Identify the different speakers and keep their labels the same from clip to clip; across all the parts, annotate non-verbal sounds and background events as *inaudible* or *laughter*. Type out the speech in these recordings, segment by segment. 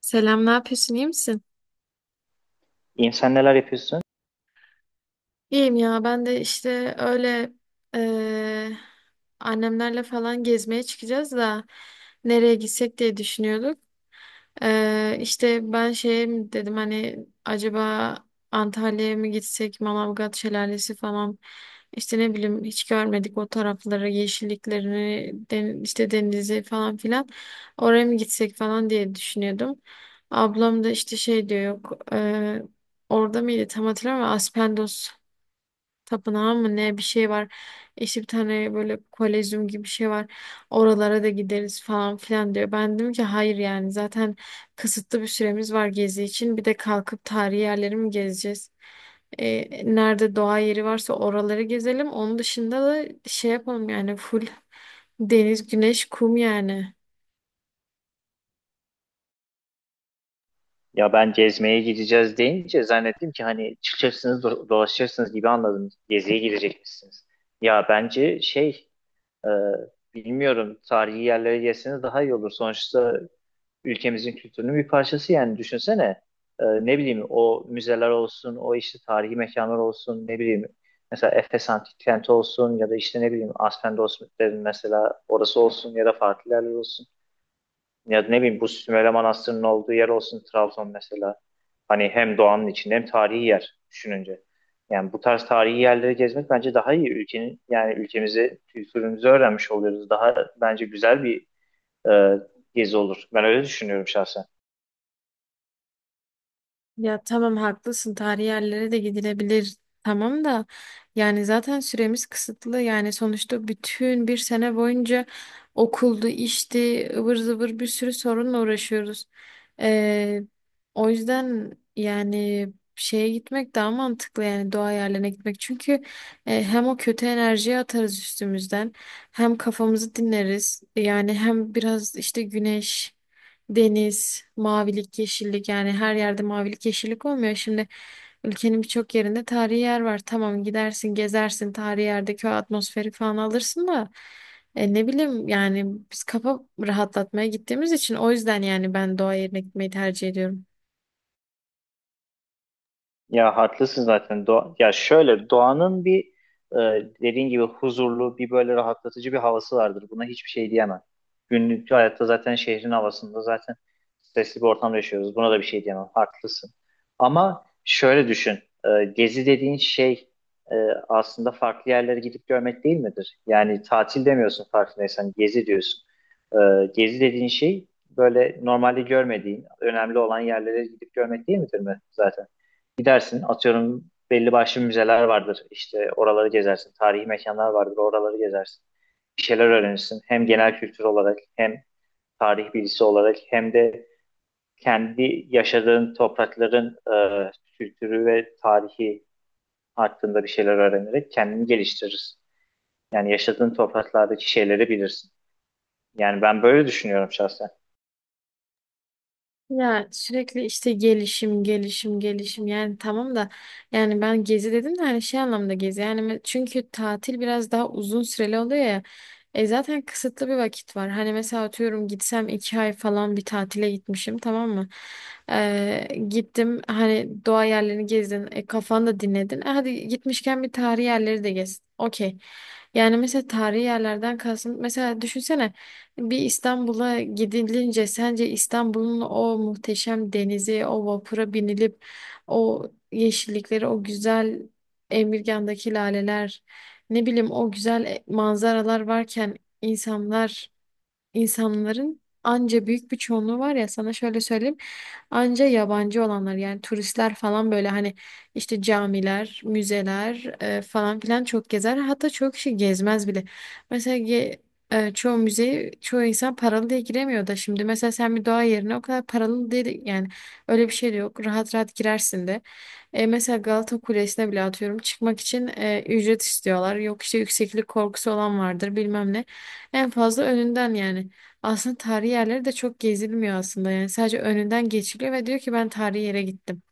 Speaker 1: Selam, ne yapıyorsun? İyi misin?
Speaker 2: İnsan neler yapıyorsun?
Speaker 1: İyiyim ya ben de işte öyle eee, annemlerle falan gezmeye çıkacağız da nereye gitsek diye düşünüyorduk. İşte ben şey mi dedim hani acaba Antalya'ya mı gitsek Manavgat Şelalesi falan işte ne bileyim hiç görmedik o tarafları yeşilliklerini işte denizi falan filan oraya mı gitsek falan diye düşünüyordum. Ablam da işte şey diyor yok orada mıydı tam hatırlamıyorum ama Aspendos tapınağı mı ne bir şey var. İşte bir tane böyle kolezyum gibi bir şey var. Oralara da gideriz falan filan diyor. Ben dedim ki hayır yani zaten kısıtlı bir süremiz var gezi için. Bir de kalkıp tarihi yerleri mi gezeceğiz? E, nerede doğa yeri varsa oraları gezelim. Onun dışında da şey yapalım yani full deniz, güneş, kum yani.
Speaker 2: Ya ben gezmeye gideceğiz deyince zannettim ki hani çıkacaksınız dolaşacaksınız gibi anladım. Geziye gidecekmişsiniz. Ya bence şey e, bilmiyorum, tarihi yerlere gelseniz daha iyi olur. Sonuçta ülkemizin kültürünün bir parçası, yani düşünsene. Ne bileyim, o müzeler olsun, o işte tarihi mekanlar olsun, ne bileyim mesela Efes Antik Kenti olsun ya da işte ne bileyim Aspendos mesela orası olsun ya da farklı yerler olsun. Ya ne bileyim bu Sümele Manastırı'nın olduğu yer olsun, Trabzon mesela. Hani hem doğanın içinde hem tarihi yer düşününce. Yani bu tarz tarihi yerleri gezmek bence daha iyi. Ülkenin yani ülkemizi, kültürümüzü öğrenmiş oluyoruz. Daha bence güzel bir e, gezi olur. Ben öyle düşünüyorum şahsen.
Speaker 1: Ya tamam haklısın, tarihi yerlere de gidilebilir tamam da yani zaten süremiz kısıtlı yani sonuçta bütün bir sene boyunca okuldu işti ıvır zıvır bir sürü sorunla uğraşıyoruz. Ee, O yüzden yani şeye gitmek daha mantıklı yani doğa yerlerine gitmek çünkü hem o kötü enerjiyi atarız üstümüzden hem kafamızı dinleriz yani hem biraz işte güneş, Deniz, mavilik, yeşillik yani her yerde mavilik, yeşillik olmuyor. Şimdi ülkenin birçok yerinde tarihi yer var. Tamam gidersin, gezersin, tarihi yerdeki o atmosferi falan alırsın da ne bileyim yani biz kafa rahatlatmaya gittiğimiz için o yüzden yani ben doğa yerine gitmeyi tercih ediyorum.
Speaker 2: Ya haklısın zaten. Doğa, ya şöyle doğanın bir e, dediğin gibi huzurlu bir böyle rahatlatıcı bir havası vardır. Buna hiçbir şey diyemem. Günlük hayatta zaten şehrin havasında zaten stresli bir ortamda yaşıyoruz. Buna da bir şey diyemem. Haklısın. Ama şöyle düşün. Gezi dediğin şey e, aslında farklı yerlere gidip görmek değil midir? Yani tatil demiyorsun farkındaysan. Gezi diyorsun. E, gezi dediğin şey böyle normalde görmediğin, önemli olan yerlere gidip görmek değil midir mi zaten? Gidersin, atıyorum belli başlı müzeler vardır. İşte oraları gezersin. Tarihi mekanlar vardır. Oraları gezersin. Bir şeyler öğrenirsin. Hem genel kültür olarak, hem tarih bilgisi olarak, hem de kendi yaşadığın toprakların e, kültürü ve tarihi hakkında bir şeyler öğrenerek kendini geliştirirsin. Yani yaşadığın topraklardaki şeyleri bilirsin. Yani ben böyle düşünüyorum şahsen.
Speaker 1: Ya sürekli işte gelişim gelişim gelişim yani tamam da yani ben gezi dedim de hani şey anlamda gezi yani çünkü tatil biraz daha uzun süreli oluyor ya zaten kısıtlı bir vakit var hani mesela atıyorum gitsem 2 ay falan bir tatile gitmişim tamam mı? Gittim hani doğa yerlerini gezdin, kafanı da dinledin. E, hadi gitmişken bir tarihi yerleri de gez, okey yani mesela tarihi yerlerden kalsın mesela düşünsene bir İstanbul'a gidilince sence İstanbul'un o muhteşem denizi, o vapura binilip o yeşillikleri, o güzel Emirgan'daki laleler, ne bileyim o güzel manzaralar varken insanlar, insanların anca büyük bir çoğunluğu var ya sana şöyle söyleyeyim. Anca yabancı olanlar yani turistler falan böyle hani işte camiler, müzeler falan filan çok gezer. Hatta çok kişi gezmez bile. Mesela çoğu müzeyi çoğu insan paralı diye giremiyor da şimdi mesela sen bir doğa yerine o kadar paralı değil yani öyle bir şey de yok. Rahat rahat girersin de. E, mesela Galata Kulesi'ne bile atıyorum çıkmak için ücret istiyorlar. Yok işte yükseklik korkusu olan vardır bilmem ne. En fazla önünden yani. Aslında tarihi yerleri de çok gezilmiyor aslında. Yani sadece önünden geçiliyor ve diyor ki ben tarihi yere gittim.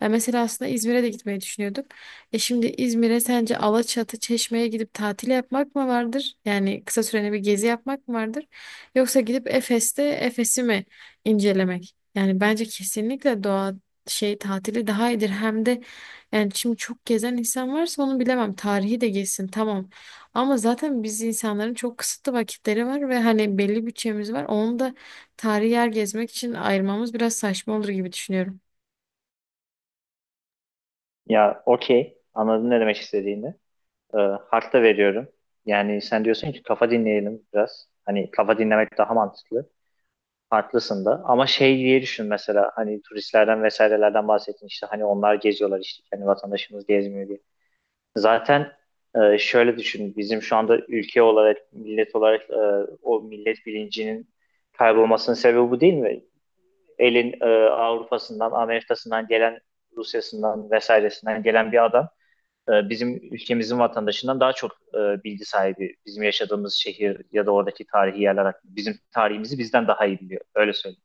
Speaker 1: Ya mesela aslında İzmir'e de gitmeyi düşünüyorduk. E şimdi İzmir'e sence Alaçatı, Çeşme'ye gidip tatil yapmak mı vardır? Yani kısa süreli bir gezi yapmak mı vardır? Yoksa gidip Efes'te Efes'i mi incelemek? Yani bence kesinlikle doğa şey tatili daha iyidir. Hem de yani şimdi çok gezen insan varsa onu bilemem. Tarihi de gezsin tamam. Ama zaten biz insanların çok kısıtlı vakitleri var ve hani belli bütçemiz var. Onu da tarihi yer gezmek için ayırmamız biraz saçma olur gibi düşünüyorum.
Speaker 2: Ya okey, anladın ne demek istediğini. e, Hak veriyorum. Yani sen diyorsun ki kafa dinleyelim biraz. Hani kafa dinlemek daha mantıklı. Haklısın da. Ama şey diye düşün mesela, hani turistlerden vesairelerden bahsettin işte, hani onlar geziyorlar işte, hani vatandaşımız gezmiyor diye. Zaten şöyle düşün, bizim şu anda ülke olarak, millet olarak, o millet bilincinin kaybolmasının sebebi bu değil mi? Elin Avrupa'sından, Amerika'sından gelen, Rusya'sından vesairesinden gelen bir adam bizim ülkemizin vatandaşından daha çok bilgi sahibi. Bizim yaşadığımız şehir ya da oradaki tarihi yerler hakkında. Bizim tarihimizi bizden daha iyi biliyor. Öyle söyleyeyim.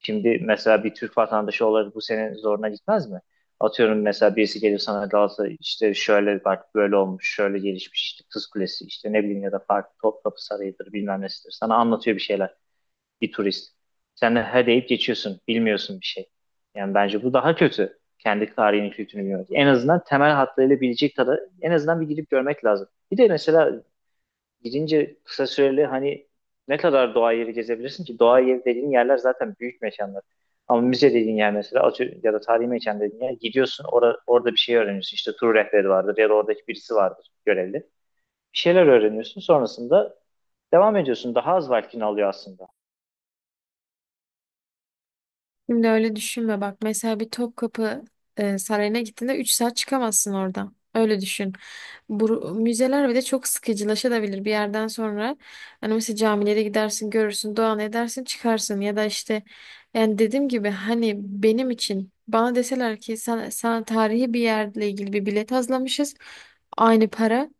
Speaker 2: Şimdi mesela bir Türk vatandaşı olarak bu senin zoruna gitmez mi? Atıyorum mesela birisi gelir sana, Galatasaray işte şöyle bak böyle olmuş, şöyle gelişmiş, işte Kız Kulesi, işte ne bileyim, ya da farklı Topkapı Sarayı'dır, bilmem nesidir. Sana anlatıyor bir şeyler bir turist. Sen de he deyip geçiyorsun. Bilmiyorsun bir şey. Yani bence bu daha kötü. Kendi tarihini, kültürünü bilmiyoruz. En azından temel hatlarıyla bilecek kadar en azından bir gidip görmek lazım. Bir de mesela gidince kısa süreli, hani ne kadar doğa yeri gezebilirsin ki? Doğa yeri dediğin yerler zaten büyük mekanlar. Ama müze dediğin yer mesela atıyorum, ya da tarihi mekan dediğin yer, gidiyorsun orada bir şey öğreniyorsun. İşte tur rehberi vardır ya da oradaki birisi vardır görevli. Bir şeyler öğreniyorsun, sonrasında devam ediyorsun. Daha az vaktini alıyor aslında.
Speaker 1: Şimdi öyle düşünme bak. Mesela bir Topkapı Sarayı'na gittiğinde 3 saat çıkamazsın oradan. Öyle düşün. Bu, müzeler bir de çok sıkıcılaşabilir bir yerden sonra. Hani mesela camilere gidersin, görürsün, dua edersin, çıkarsın. Ya da işte yani dediğim gibi hani benim için bana deseler ki sana tarihi bir yerle ilgili bir bilet hazırlamışız. Aynı para.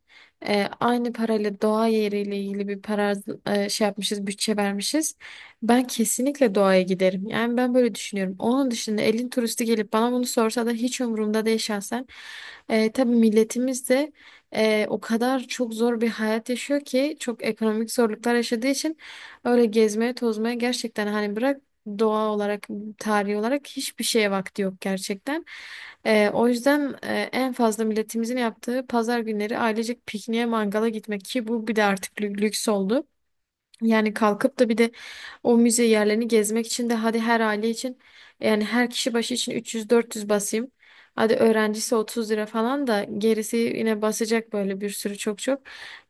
Speaker 1: E, aynı parayla doğa yeriyle ilgili bir para şey yapmışız, bütçe vermişiz. Ben kesinlikle doğaya giderim. Yani ben böyle düşünüyorum. Onun dışında elin turisti gelip bana bunu sorsa da hiç umurumda değil şahsen. Tabii milletimiz de o kadar çok zor bir hayat yaşıyor ki çok ekonomik zorluklar yaşadığı için öyle gezmeye tozmaya gerçekten hani bırak doğa olarak tarihi olarak hiçbir şeye vakti yok gerçekten. O yüzden en fazla milletimizin yaptığı pazar günleri ailecek pikniğe mangala gitmek ki bu bir de artık lüks oldu. Yani kalkıp da bir de o müze yerlerini gezmek için de hadi her aile için yani her kişi başı için 300-400 basayım. Hadi öğrencisi 30 lira falan da gerisi yine basacak böyle bir sürü çok çok.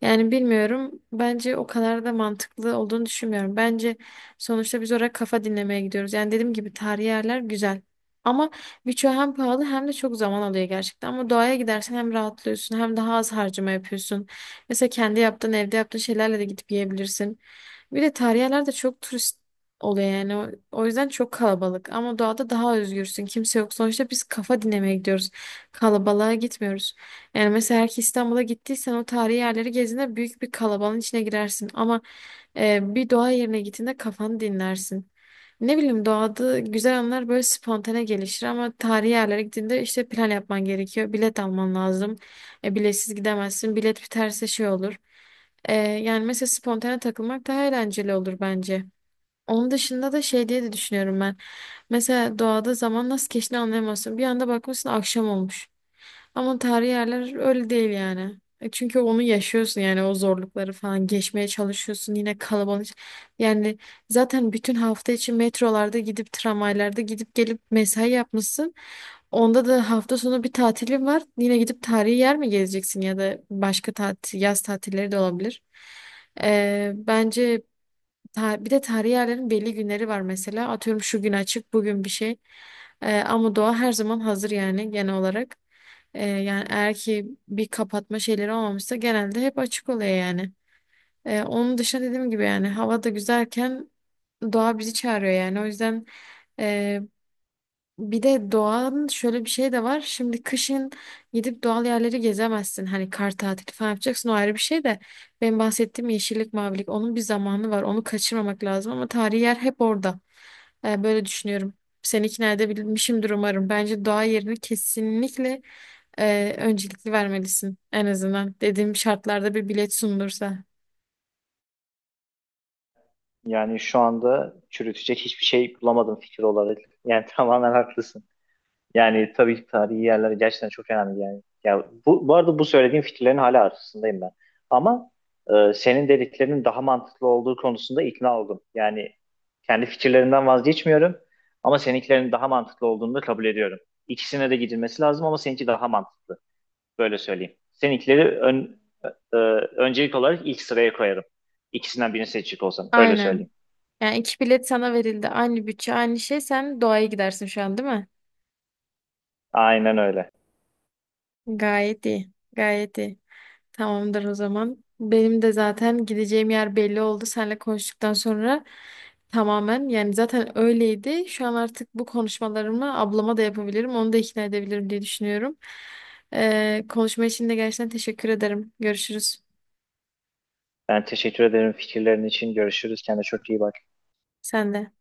Speaker 1: Yani bilmiyorum. Bence o kadar da mantıklı olduğunu düşünmüyorum. Bence sonuçta biz oraya kafa dinlemeye gidiyoruz. Yani dediğim gibi tarihi yerler güzel. Ama birçoğu hem pahalı hem de çok zaman alıyor gerçekten. Ama doğaya gidersen hem rahatlıyorsun hem daha az harcama yapıyorsun. Mesela kendi yaptığın, evde yaptığın şeylerle de gidip yiyebilirsin. Bir de tarihi yerlerde çok turist oluyor yani. O yüzden çok kalabalık. Ama doğada daha özgürsün. Kimse yok. Sonuçta biz kafa dinlemeye gidiyoruz. Kalabalığa gitmiyoruz. Yani mesela eğer ki İstanbul'a gittiysen o tarihi yerleri gezdiğinde büyük bir kalabalığın içine girersin. Ama bir doğa yerine gittiğinde kafanı dinlersin. Ne bileyim doğada güzel anlar böyle spontane gelişir ama tarihi yerlere gittiğinde işte plan yapman gerekiyor. Bilet alman lazım. E, biletsiz gidemezsin. Bilet biterse şey olur. Yani mesela spontane takılmak daha eğlenceli olur bence. Onun dışında da şey diye de düşünüyorum ben. Mesela doğada zaman nasıl geçtiğini anlayamazsın. Bir anda bakmışsın akşam olmuş. Ama tarihi yerler öyle değil yani. E çünkü onu yaşıyorsun yani o zorlukları falan geçmeye çalışıyorsun yine kalabalık. Yani zaten bütün hafta içi metrolarda gidip tramvaylarda gidip gelip mesai yapmışsın. Onda da hafta sonu bir tatilin var. Yine gidip tarihi yer mi gezeceksin ya da başka tatil, yaz tatilleri de olabilir. Bence bir de tarihi yerlerin belli günleri var mesela. Atıyorum şu gün açık, bugün bir şey. Ama doğa her zaman hazır yani genel olarak. Yani eğer ki bir kapatma şeyleri olmamışsa genelde hep açık oluyor yani. Onun dışında dediğim gibi yani hava da güzelken doğa bizi çağırıyor yani. O yüzden e, bir de doğanın şöyle bir şey de var. Şimdi kışın gidip doğal yerleri gezemezsin. Hani kar tatili falan yapacaksın o ayrı bir şey de. Benim bahsettiğim yeşillik, mavilik onun bir zamanı var. Onu kaçırmamak lazım ama tarihi yer hep orada. Böyle düşünüyorum. Seni ikna edebilmişimdir umarım. Bence doğa yerini kesinlikle öncelikli vermelisin. En azından dediğim şartlarda bir bilet sunulursa.
Speaker 2: Yani şu anda çürütecek hiçbir şey bulamadım fikir olarak. Yani *laughs* tamamen haklısın. Yani tabii ki tarihi yerler gerçekten çok önemli yani. Ya bu arada bu söylediğim fikirlerin hala arasındayım ben. Ama senin dediklerinin daha mantıklı olduğu konusunda ikna oldum. Yani kendi fikirlerimden vazgeçmiyorum, ama seninkilerin daha mantıklı olduğunu da kabul ediyorum. İkisine de gidilmesi lazım, ama seninki daha mantıklı. Böyle söyleyeyim. Seninkileri e, öncelik olarak ilk sıraya koyarım. İkisinden birini seçecek olsam. Öyle söyleyeyim.
Speaker 1: Aynen. Yani iki bilet sana verildi. Aynı bütçe, aynı şey. Sen doğaya gidersin şu an değil mi?
Speaker 2: Aynen öyle.
Speaker 1: Gayet iyi. Gayet iyi. Tamamdır o zaman. Benim de zaten gideceğim yer belli oldu. Seninle konuştuktan sonra tamamen, yani zaten öyleydi. Şu an artık bu konuşmalarımı ablama da yapabilirim. Onu da ikna edebilirim diye düşünüyorum. Konuşma için de gerçekten teşekkür ederim. Görüşürüz.
Speaker 2: Ben teşekkür ederim fikirlerin için. Görüşürüz. Kendine çok iyi bak.
Speaker 1: Sen de.